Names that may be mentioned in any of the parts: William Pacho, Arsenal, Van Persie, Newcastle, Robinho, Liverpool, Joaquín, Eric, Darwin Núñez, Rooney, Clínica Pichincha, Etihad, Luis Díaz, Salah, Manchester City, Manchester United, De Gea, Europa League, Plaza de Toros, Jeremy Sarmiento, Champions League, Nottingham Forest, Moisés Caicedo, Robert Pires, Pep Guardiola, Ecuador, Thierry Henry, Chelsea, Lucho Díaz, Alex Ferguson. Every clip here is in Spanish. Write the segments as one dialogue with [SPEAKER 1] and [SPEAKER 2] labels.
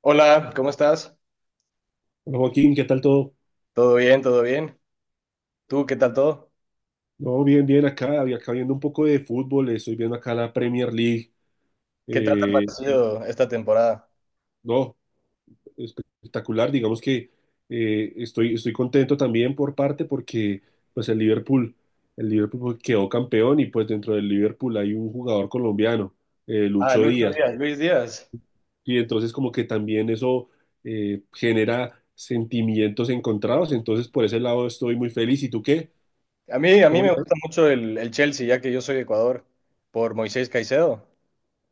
[SPEAKER 1] Hola, ¿cómo estás?
[SPEAKER 2] Hola, Joaquín, ¿qué tal todo?
[SPEAKER 1] ¿Todo bien? ¿Todo bien? ¿Tú qué tal todo?
[SPEAKER 2] No, bien, bien acá, y acá viendo un poco de fútbol, estoy viendo acá la Premier League.
[SPEAKER 1] ¿Qué tal te ha
[SPEAKER 2] Eh,
[SPEAKER 1] parecido esta temporada?
[SPEAKER 2] no, Espectacular, digamos que estoy contento también por parte porque pues el Liverpool pues, quedó campeón, y pues dentro del Liverpool hay un jugador colombiano,
[SPEAKER 1] Ah,
[SPEAKER 2] Lucho
[SPEAKER 1] Lucho
[SPEAKER 2] Díaz,
[SPEAKER 1] Díaz, Luis Díaz.
[SPEAKER 2] y entonces como que también eso genera sentimientos encontrados. Entonces por ese lado estoy muy feliz. ¿Y tú qué?
[SPEAKER 1] A mí
[SPEAKER 2] ¿Cómo
[SPEAKER 1] me
[SPEAKER 2] la ves?
[SPEAKER 1] gusta mucho el Chelsea, ya que yo soy de Ecuador, por Moisés Caicedo.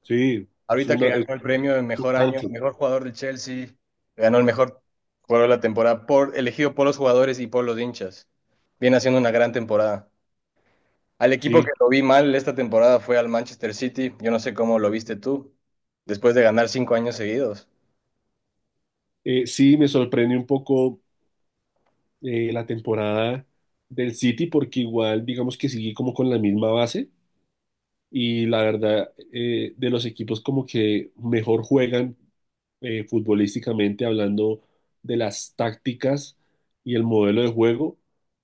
[SPEAKER 2] Sí, es
[SPEAKER 1] Ahorita que
[SPEAKER 2] una,
[SPEAKER 1] ganó
[SPEAKER 2] es
[SPEAKER 1] el premio de
[SPEAKER 2] un
[SPEAKER 1] mejor año,
[SPEAKER 2] tanque,
[SPEAKER 1] mejor jugador del Chelsea, ganó el mejor jugador de la temporada, por, elegido por los jugadores y por los hinchas. Viene haciendo una gran temporada. Al equipo que
[SPEAKER 2] sí.
[SPEAKER 1] lo vi mal esta temporada fue al Manchester City. Yo no sé cómo lo viste tú, después de ganar 5 años seguidos.
[SPEAKER 2] Sí, me sorprende un poco la temporada del City, porque igual digamos que sigue como con la misma base, y la verdad, de los equipos como que mejor juegan, futbolísticamente hablando, de las tácticas y el modelo de juego,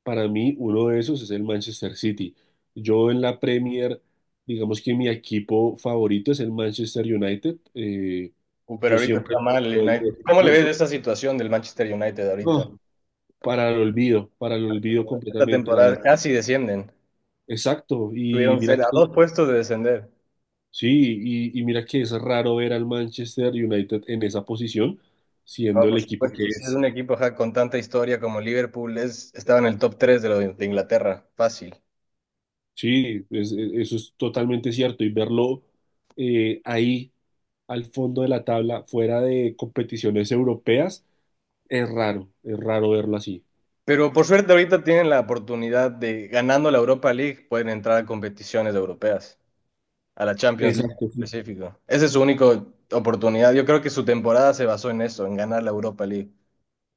[SPEAKER 2] para mí uno de esos es el Manchester City. Yo en la Premier digamos que mi equipo favorito es el Manchester United.
[SPEAKER 1] Pero
[SPEAKER 2] Yo
[SPEAKER 1] ahorita
[SPEAKER 2] siempre...
[SPEAKER 1] está mal el United. ¿Cómo le ves esa situación del Manchester United ahorita?
[SPEAKER 2] No, para el olvido
[SPEAKER 1] Esta
[SPEAKER 2] completamente. La...
[SPEAKER 1] temporada casi descienden.
[SPEAKER 2] Exacto, y
[SPEAKER 1] Tuvieron
[SPEAKER 2] mira
[SPEAKER 1] ser a
[SPEAKER 2] que,
[SPEAKER 1] dos puestos de descender.
[SPEAKER 2] sí, y mira que es raro ver al Manchester United en esa posición,
[SPEAKER 1] No,
[SPEAKER 2] siendo el
[SPEAKER 1] por
[SPEAKER 2] equipo que
[SPEAKER 1] supuesto, si es
[SPEAKER 2] es.
[SPEAKER 1] un equipo ajá, con tanta historia como Liverpool, es, estaba en el top 3 de, lo de Inglaterra, fácil.
[SPEAKER 2] Sí, eso es totalmente cierto, y verlo ahí al fondo de la tabla, fuera de competiciones europeas, es raro verlo así.
[SPEAKER 1] Pero por suerte ahorita tienen la oportunidad de, ganando la Europa League, pueden entrar a competiciones europeas, a la Champions League en
[SPEAKER 2] Exacto, sí.
[SPEAKER 1] específico. Esa es su única oportunidad. Yo creo que su temporada se basó en eso, en ganar la Europa League.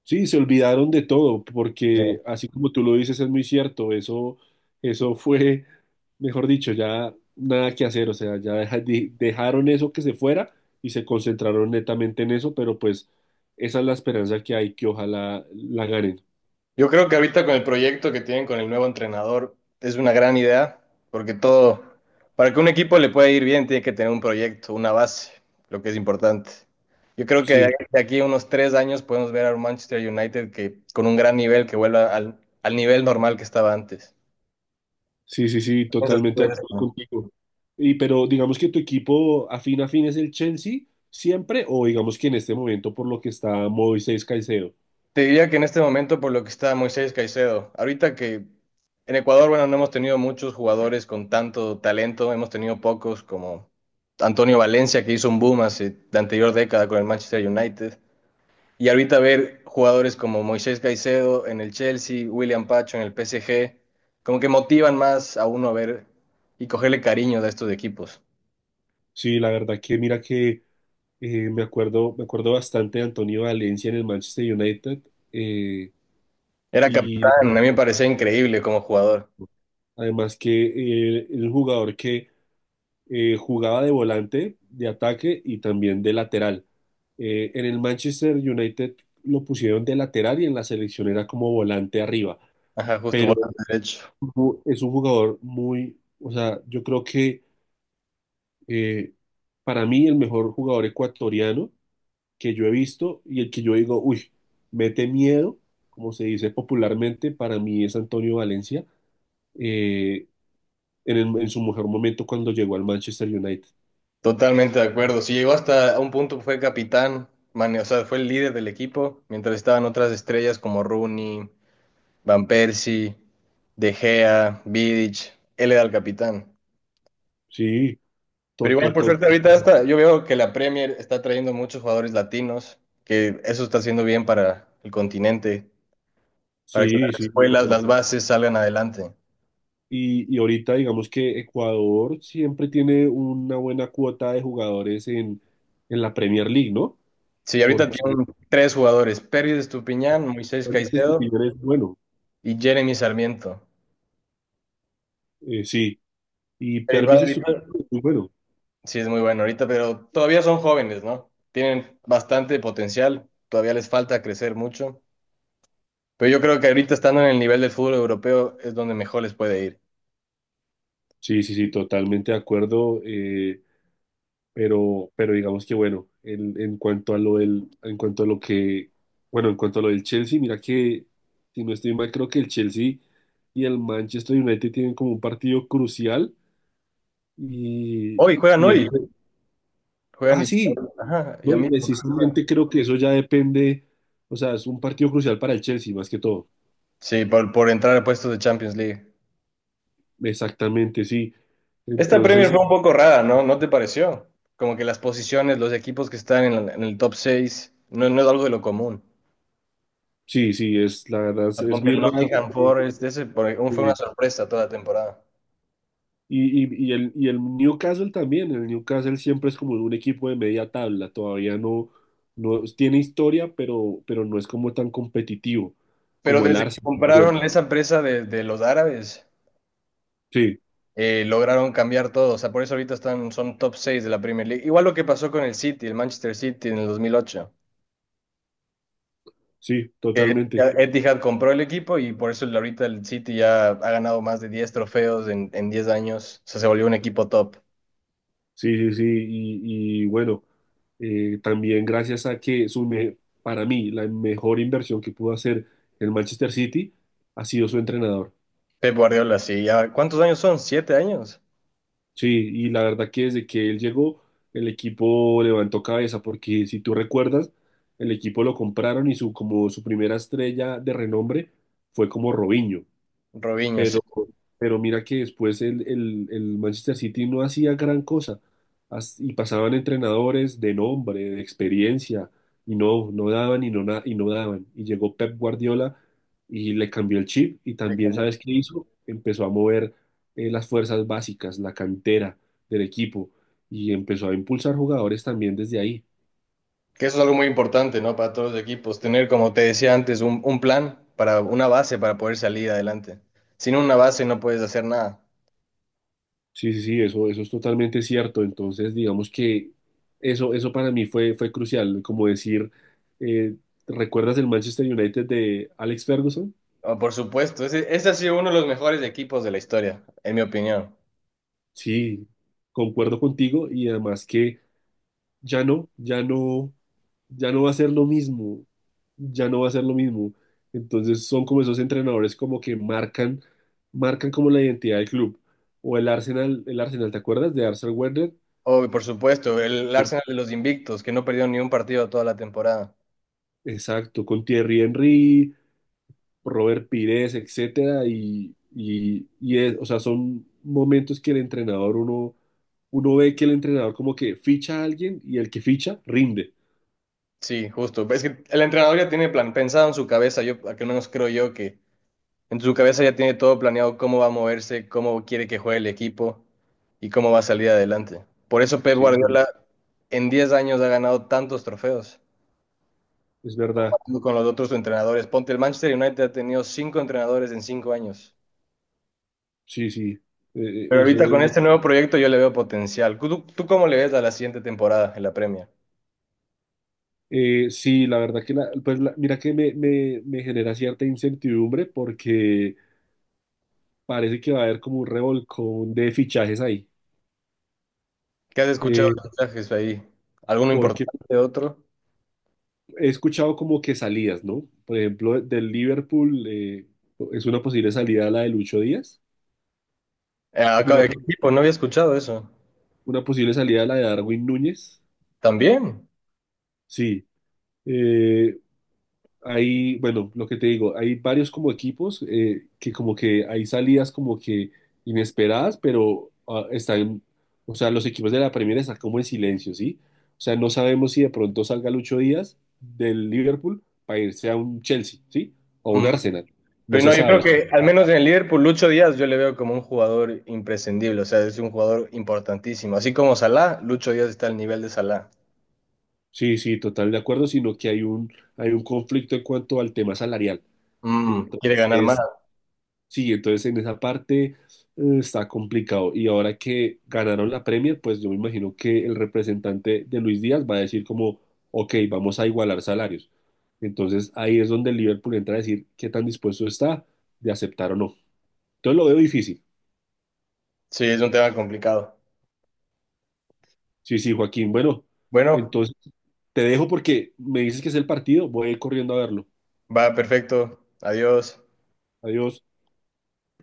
[SPEAKER 2] Sí, se olvidaron de todo,
[SPEAKER 1] Eh,
[SPEAKER 2] porque así como tú lo dices, es muy cierto, eso fue, mejor dicho, ya nada que hacer, o sea, ya dejaron eso que se fuera y se concentraron netamente en eso, pero pues esa es la esperanza que hay, que ojalá la ganen.
[SPEAKER 1] Yo creo que ahorita con el proyecto que tienen con el nuevo entrenador es una gran idea, porque todo, para que un equipo le pueda ir bien, tiene que tener un proyecto, una base, lo que es importante. Yo creo que
[SPEAKER 2] Sí,
[SPEAKER 1] de aquí a unos 3 años podemos ver a un Manchester United que con un gran nivel que vuelva al, al nivel normal que estaba antes.
[SPEAKER 2] sí, sí, sí,
[SPEAKER 1] ¿Piensas tú
[SPEAKER 2] totalmente
[SPEAKER 1] de
[SPEAKER 2] de acuerdo
[SPEAKER 1] eso?
[SPEAKER 2] contigo. Y pero digamos que tu equipo afín a fin es el Chelsea siempre, o digamos que en este momento por lo que está Moisés Caicedo.
[SPEAKER 1] Te diría que en este momento por lo que está Moisés Caicedo. Ahorita que en Ecuador, bueno, no hemos tenido muchos jugadores con tanto talento, hemos tenido pocos como Antonio Valencia, que hizo un boom hace la anterior década con el Manchester United. Y ahorita ver jugadores como Moisés Caicedo en el Chelsea, William Pacho en el PSG, como que motivan más a uno a ver y cogerle cariño a estos equipos.
[SPEAKER 2] Sí, la verdad que mira que... me acuerdo bastante de Antonio Valencia en el Manchester United. eh,
[SPEAKER 1] Era
[SPEAKER 2] y lo-
[SPEAKER 1] capitán, a mí me parecía increíble como jugador.
[SPEAKER 2] Además que es un jugador que jugaba de volante, de ataque y también de lateral. En el Manchester United lo pusieron de lateral y en la selección era como volante arriba.
[SPEAKER 1] Ajá, justo
[SPEAKER 2] Pero
[SPEAKER 1] volante derecho.
[SPEAKER 2] es un jugador muy, o sea, yo creo que eh, para mí el mejor jugador ecuatoriano que yo he visto, y el que yo digo, uy, mete miedo, como se dice popularmente, para mí es Antonio Valencia, eh, en, en su mejor momento cuando llegó al Manchester United.
[SPEAKER 1] Totalmente de acuerdo. Si llegó hasta un punto, fue capitán, mane- o sea, fue el líder del equipo, mientras estaban otras estrellas como Rooney, Van Persie, De Gea, Vidic, él era el capitán.
[SPEAKER 2] Sí, to,
[SPEAKER 1] Pero
[SPEAKER 2] to-
[SPEAKER 1] igual, por
[SPEAKER 2] to-
[SPEAKER 1] suerte, ahorita
[SPEAKER 2] to-
[SPEAKER 1] está, yo veo que la Premier está trayendo muchos jugadores latinos, que eso está haciendo bien para el continente, para que
[SPEAKER 2] sí,
[SPEAKER 1] las
[SPEAKER 2] sí.
[SPEAKER 1] escuelas,
[SPEAKER 2] No.
[SPEAKER 1] las bases salgan adelante.
[SPEAKER 2] Y ahorita digamos que Ecuador siempre tiene una buena cuota de jugadores en la Premier League, ¿no?
[SPEAKER 1] Sí, ahorita
[SPEAKER 2] Porque
[SPEAKER 1] tienen 3 jugadores, Pervis Estupiñán, Moisés
[SPEAKER 2] Pervis
[SPEAKER 1] Caicedo
[SPEAKER 2] Estupiñán es bueno,
[SPEAKER 1] y Jeremy Sarmiento.
[SPEAKER 2] sí, y
[SPEAKER 1] Pero igual,
[SPEAKER 2] Pervis
[SPEAKER 1] ahorita.
[SPEAKER 2] Estupiñán es muy bueno.
[SPEAKER 1] Sí, es muy bueno ahorita, pero todavía son jóvenes, ¿no? Tienen bastante potencial, todavía les falta crecer mucho. Pero yo creo que ahorita estando en el nivel del fútbol europeo es donde mejor les puede ir.
[SPEAKER 2] Sí, sí, sí, totalmente de acuerdo. Pero digamos que bueno, en cuanto a lo del, en cuanto a lo que, bueno, en cuanto a lo del Chelsea, mira que, si no estoy mal, creo que el Chelsea y el Manchester United tienen como un partido crucial y, y
[SPEAKER 1] Hoy, juegan
[SPEAKER 2] ah,
[SPEAKER 1] y,
[SPEAKER 2] sí,
[SPEAKER 1] ajá, ya
[SPEAKER 2] no, y
[SPEAKER 1] mismo.
[SPEAKER 2] precisamente creo que eso ya depende, o sea, es un partido crucial para el Chelsea más que todo,
[SPEAKER 1] Sí, por entrar a puestos de Champions League.
[SPEAKER 2] exactamente, sí.
[SPEAKER 1] Esta Premier
[SPEAKER 2] Entonces,
[SPEAKER 1] fue un poco rara, ¿no? ¿No te pareció? Como que las posiciones, los equipos que están en, la- en el top 6, no, no es algo de lo común.
[SPEAKER 2] sí, sí, es, la verdad es
[SPEAKER 1] Ponte
[SPEAKER 2] muy
[SPEAKER 1] el
[SPEAKER 2] raro.
[SPEAKER 1] Nottingham Forest, ese por- fue una sorpresa toda la temporada.
[SPEAKER 2] Y el, y el Newcastle también, el Newcastle siempre es como un equipo de media tabla, todavía no, no tiene historia, pero no es como tan competitivo
[SPEAKER 1] Pero
[SPEAKER 2] como el
[SPEAKER 1] desde que
[SPEAKER 2] Arsenal.
[SPEAKER 1] compraron esa empresa de los árabes,
[SPEAKER 2] Sí,
[SPEAKER 1] lograron cambiar todo. O sea, por eso ahorita están, son top 6 de la Premier League. Igual lo que pasó con el City, el Manchester City en el 2008.
[SPEAKER 2] sí,
[SPEAKER 1] Que
[SPEAKER 2] totalmente.
[SPEAKER 1] Etihad, Etihad compró el equipo y por eso el- ahorita el City ya ha ganado más de 10 trofeos en 10 años. O sea, se volvió un equipo top.
[SPEAKER 2] Sí, sí, sí, y bueno, también gracias a que para mí la mejor inversión que pudo hacer el Manchester City ha sido su entrenador.
[SPEAKER 1] Pep Guardiola, sí. Ya, ¿cuántos años son? ¿7 años?
[SPEAKER 2] Sí, y la verdad que desde que él llegó, el equipo levantó cabeza, porque si tú recuerdas, el equipo lo compraron y su, como su primera estrella de renombre fue como Robinho.
[SPEAKER 1] Robinho, sí.
[SPEAKER 2] Pero, pero mira que después el, el Manchester City no hacía gran cosa. Y pasaban entrenadores de nombre, de experiencia, y no, no daban, y y no daban. Y llegó Pep Guardiola y le cambió el chip, y también, ¿sabes qué hizo? Empezó a mover las fuerzas básicas, la cantera del equipo, y empezó a impulsar jugadores también desde ahí.
[SPEAKER 1] Que eso es algo muy importante, ¿no? Para todos los equipos, tener, como te decía antes, un plan para una base para poder salir adelante. Sin una base no puedes hacer nada.
[SPEAKER 2] Sí, sí, sí, eso es totalmente cierto. Entonces, digamos que eso para mí fue, fue crucial. Como decir, eh, ¿recuerdas el Manchester United de Alex Ferguson?
[SPEAKER 1] Oh, por supuesto, ese ha sido uno de los mejores equipos de la historia, en mi opinión.
[SPEAKER 2] Sí, concuerdo contigo, y además que ya no, ya no, ya no va a ser lo mismo, ya no va a ser lo mismo. Entonces son como esos entrenadores como que marcan, marcan como la identidad del club. O el Arsenal, ¿te acuerdas de Arsenal Wenger?
[SPEAKER 1] Oh, y por supuesto, el Arsenal de los invictos, que no perdió ni un partido toda la temporada.
[SPEAKER 2] Exacto, con Thierry Henry, Robert Pires, etcétera, y es, o sea, son momentos que el entrenador, uno, uno ve que el entrenador como que ficha a alguien y el que ficha rinde,
[SPEAKER 1] Sí, justo. Es que el entrenador ya tiene plan, pensado en su cabeza, yo al menos creo yo que. En su cabeza ya tiene todo planeado cómo va a moverse, cómo quiere que juegue el equipo y cómo va a salir adelante. Por eso Pep
[SPEAKER 2] sí, no,
[SPEAKER 1] Guardiola en 10 años ha ganado tantos trofeos
[SPEAKER 2] es verdad,
[SPEAKER 1] con los otros entrenadores. Ponte, el Manchester United ha tenido 5 entrenadores en 5 años.
[SPEAKER 2] sí, sí, eh,
[SPEAKER 1] Pero
[SPEAKER 2] eso
[SPEAKER 1] ahorita con
[SPEAKER 2] es,
[SPEAKER 1] este nuevo proyecto yo le veo potencial. ¿Tú cómo le ves a la siguiente temporada en la Premier?
[SPEAKER 2] sí, la verdad que, la, mira que me genera cierta incertidumbre porque parece que va a haber como un revolcón de fichajes ahí,
[SPEAKER 1] ¿Qué has escuchado
[SPEAKER 2] eh,
[SPEAKER 1] de mensajes ahí? ¿Alguno
[SPEAKER 2] porque
[SPEAKER 1] importante, otro?
[SPEAKER 2] he escuchado como que salidas, ¿no? Por ejemplo, del Liverpool, es una posible salida la de Lucho Díaz,
[SPEAKER 1] Acá,
[SPEAKER 2] una,
[SPEAKER 1] ¿de ¿qué
[SPEAKER 2] po-
[SPEAKER 1] equipo? No había escuchado eso.
[SPEAKER 2] una posible salida la de Darwin Núñez.
[SPEAKER 1] ¿También?
[SPEAKER 2] Sí, eh, hay, bueno, lo que te digo, hay varios como equipos que como que hay salidas como que inesperadas, pero ah, están, o sea, los equipos de la Premier están como en silencio, ¿sí? O sea, no sabemos si de pronto salga Lucho Díaz del Liverpool para irse a un Chelsea, ¿sí? O un
[SPEAKER 1] Mm.
[SPEAKER 2] Arsenal. No
[SPEAKER 1] Pero
[SPEAKER 2] se
[SPEAKER 1] no, yo creo
[SPEAKER 2] sabe.
[SPEAKER 1] que al menos en el Liverpool, Lucho Díaz yo le veo como un jugador imprescindible, o sea, es un jugador importantísimo. Así como Salah, Lucho Díaz está al nivel de Salah.
[SPEAKER 2] Sí, sí, total de acuerdo, sino que hay un conflicto en cuanto al tema salarial.
[SPEAKER 1] Mm, quiere ganar más.
[SPEAKER 2] Entonces, sí, entonces en esa parte está complicado. Y ahora que ganaron la Premier, pues yo me imagino que el representante de Luis Díaz va a decir como, ok, vamos a igualar salarios. Entonces ahí es donde el Liverpool entra a decir qué tan dispuesto está de aceptar o no. Entonces lo veo difícil.
[SPEAKER 1] Sí, es un tema complicado.
[SPEAKER 2] Sí, sí, Joaquín. Bueno,
[SPEAKER 1] Bueno,
[SPEAKER 2] entonces te dejo porque me dices que es el partido, voy a ir corriendo a verlo.
[SPEAKER 1] va perfecto. Adiós.
[SPEAKER 2] Adiós.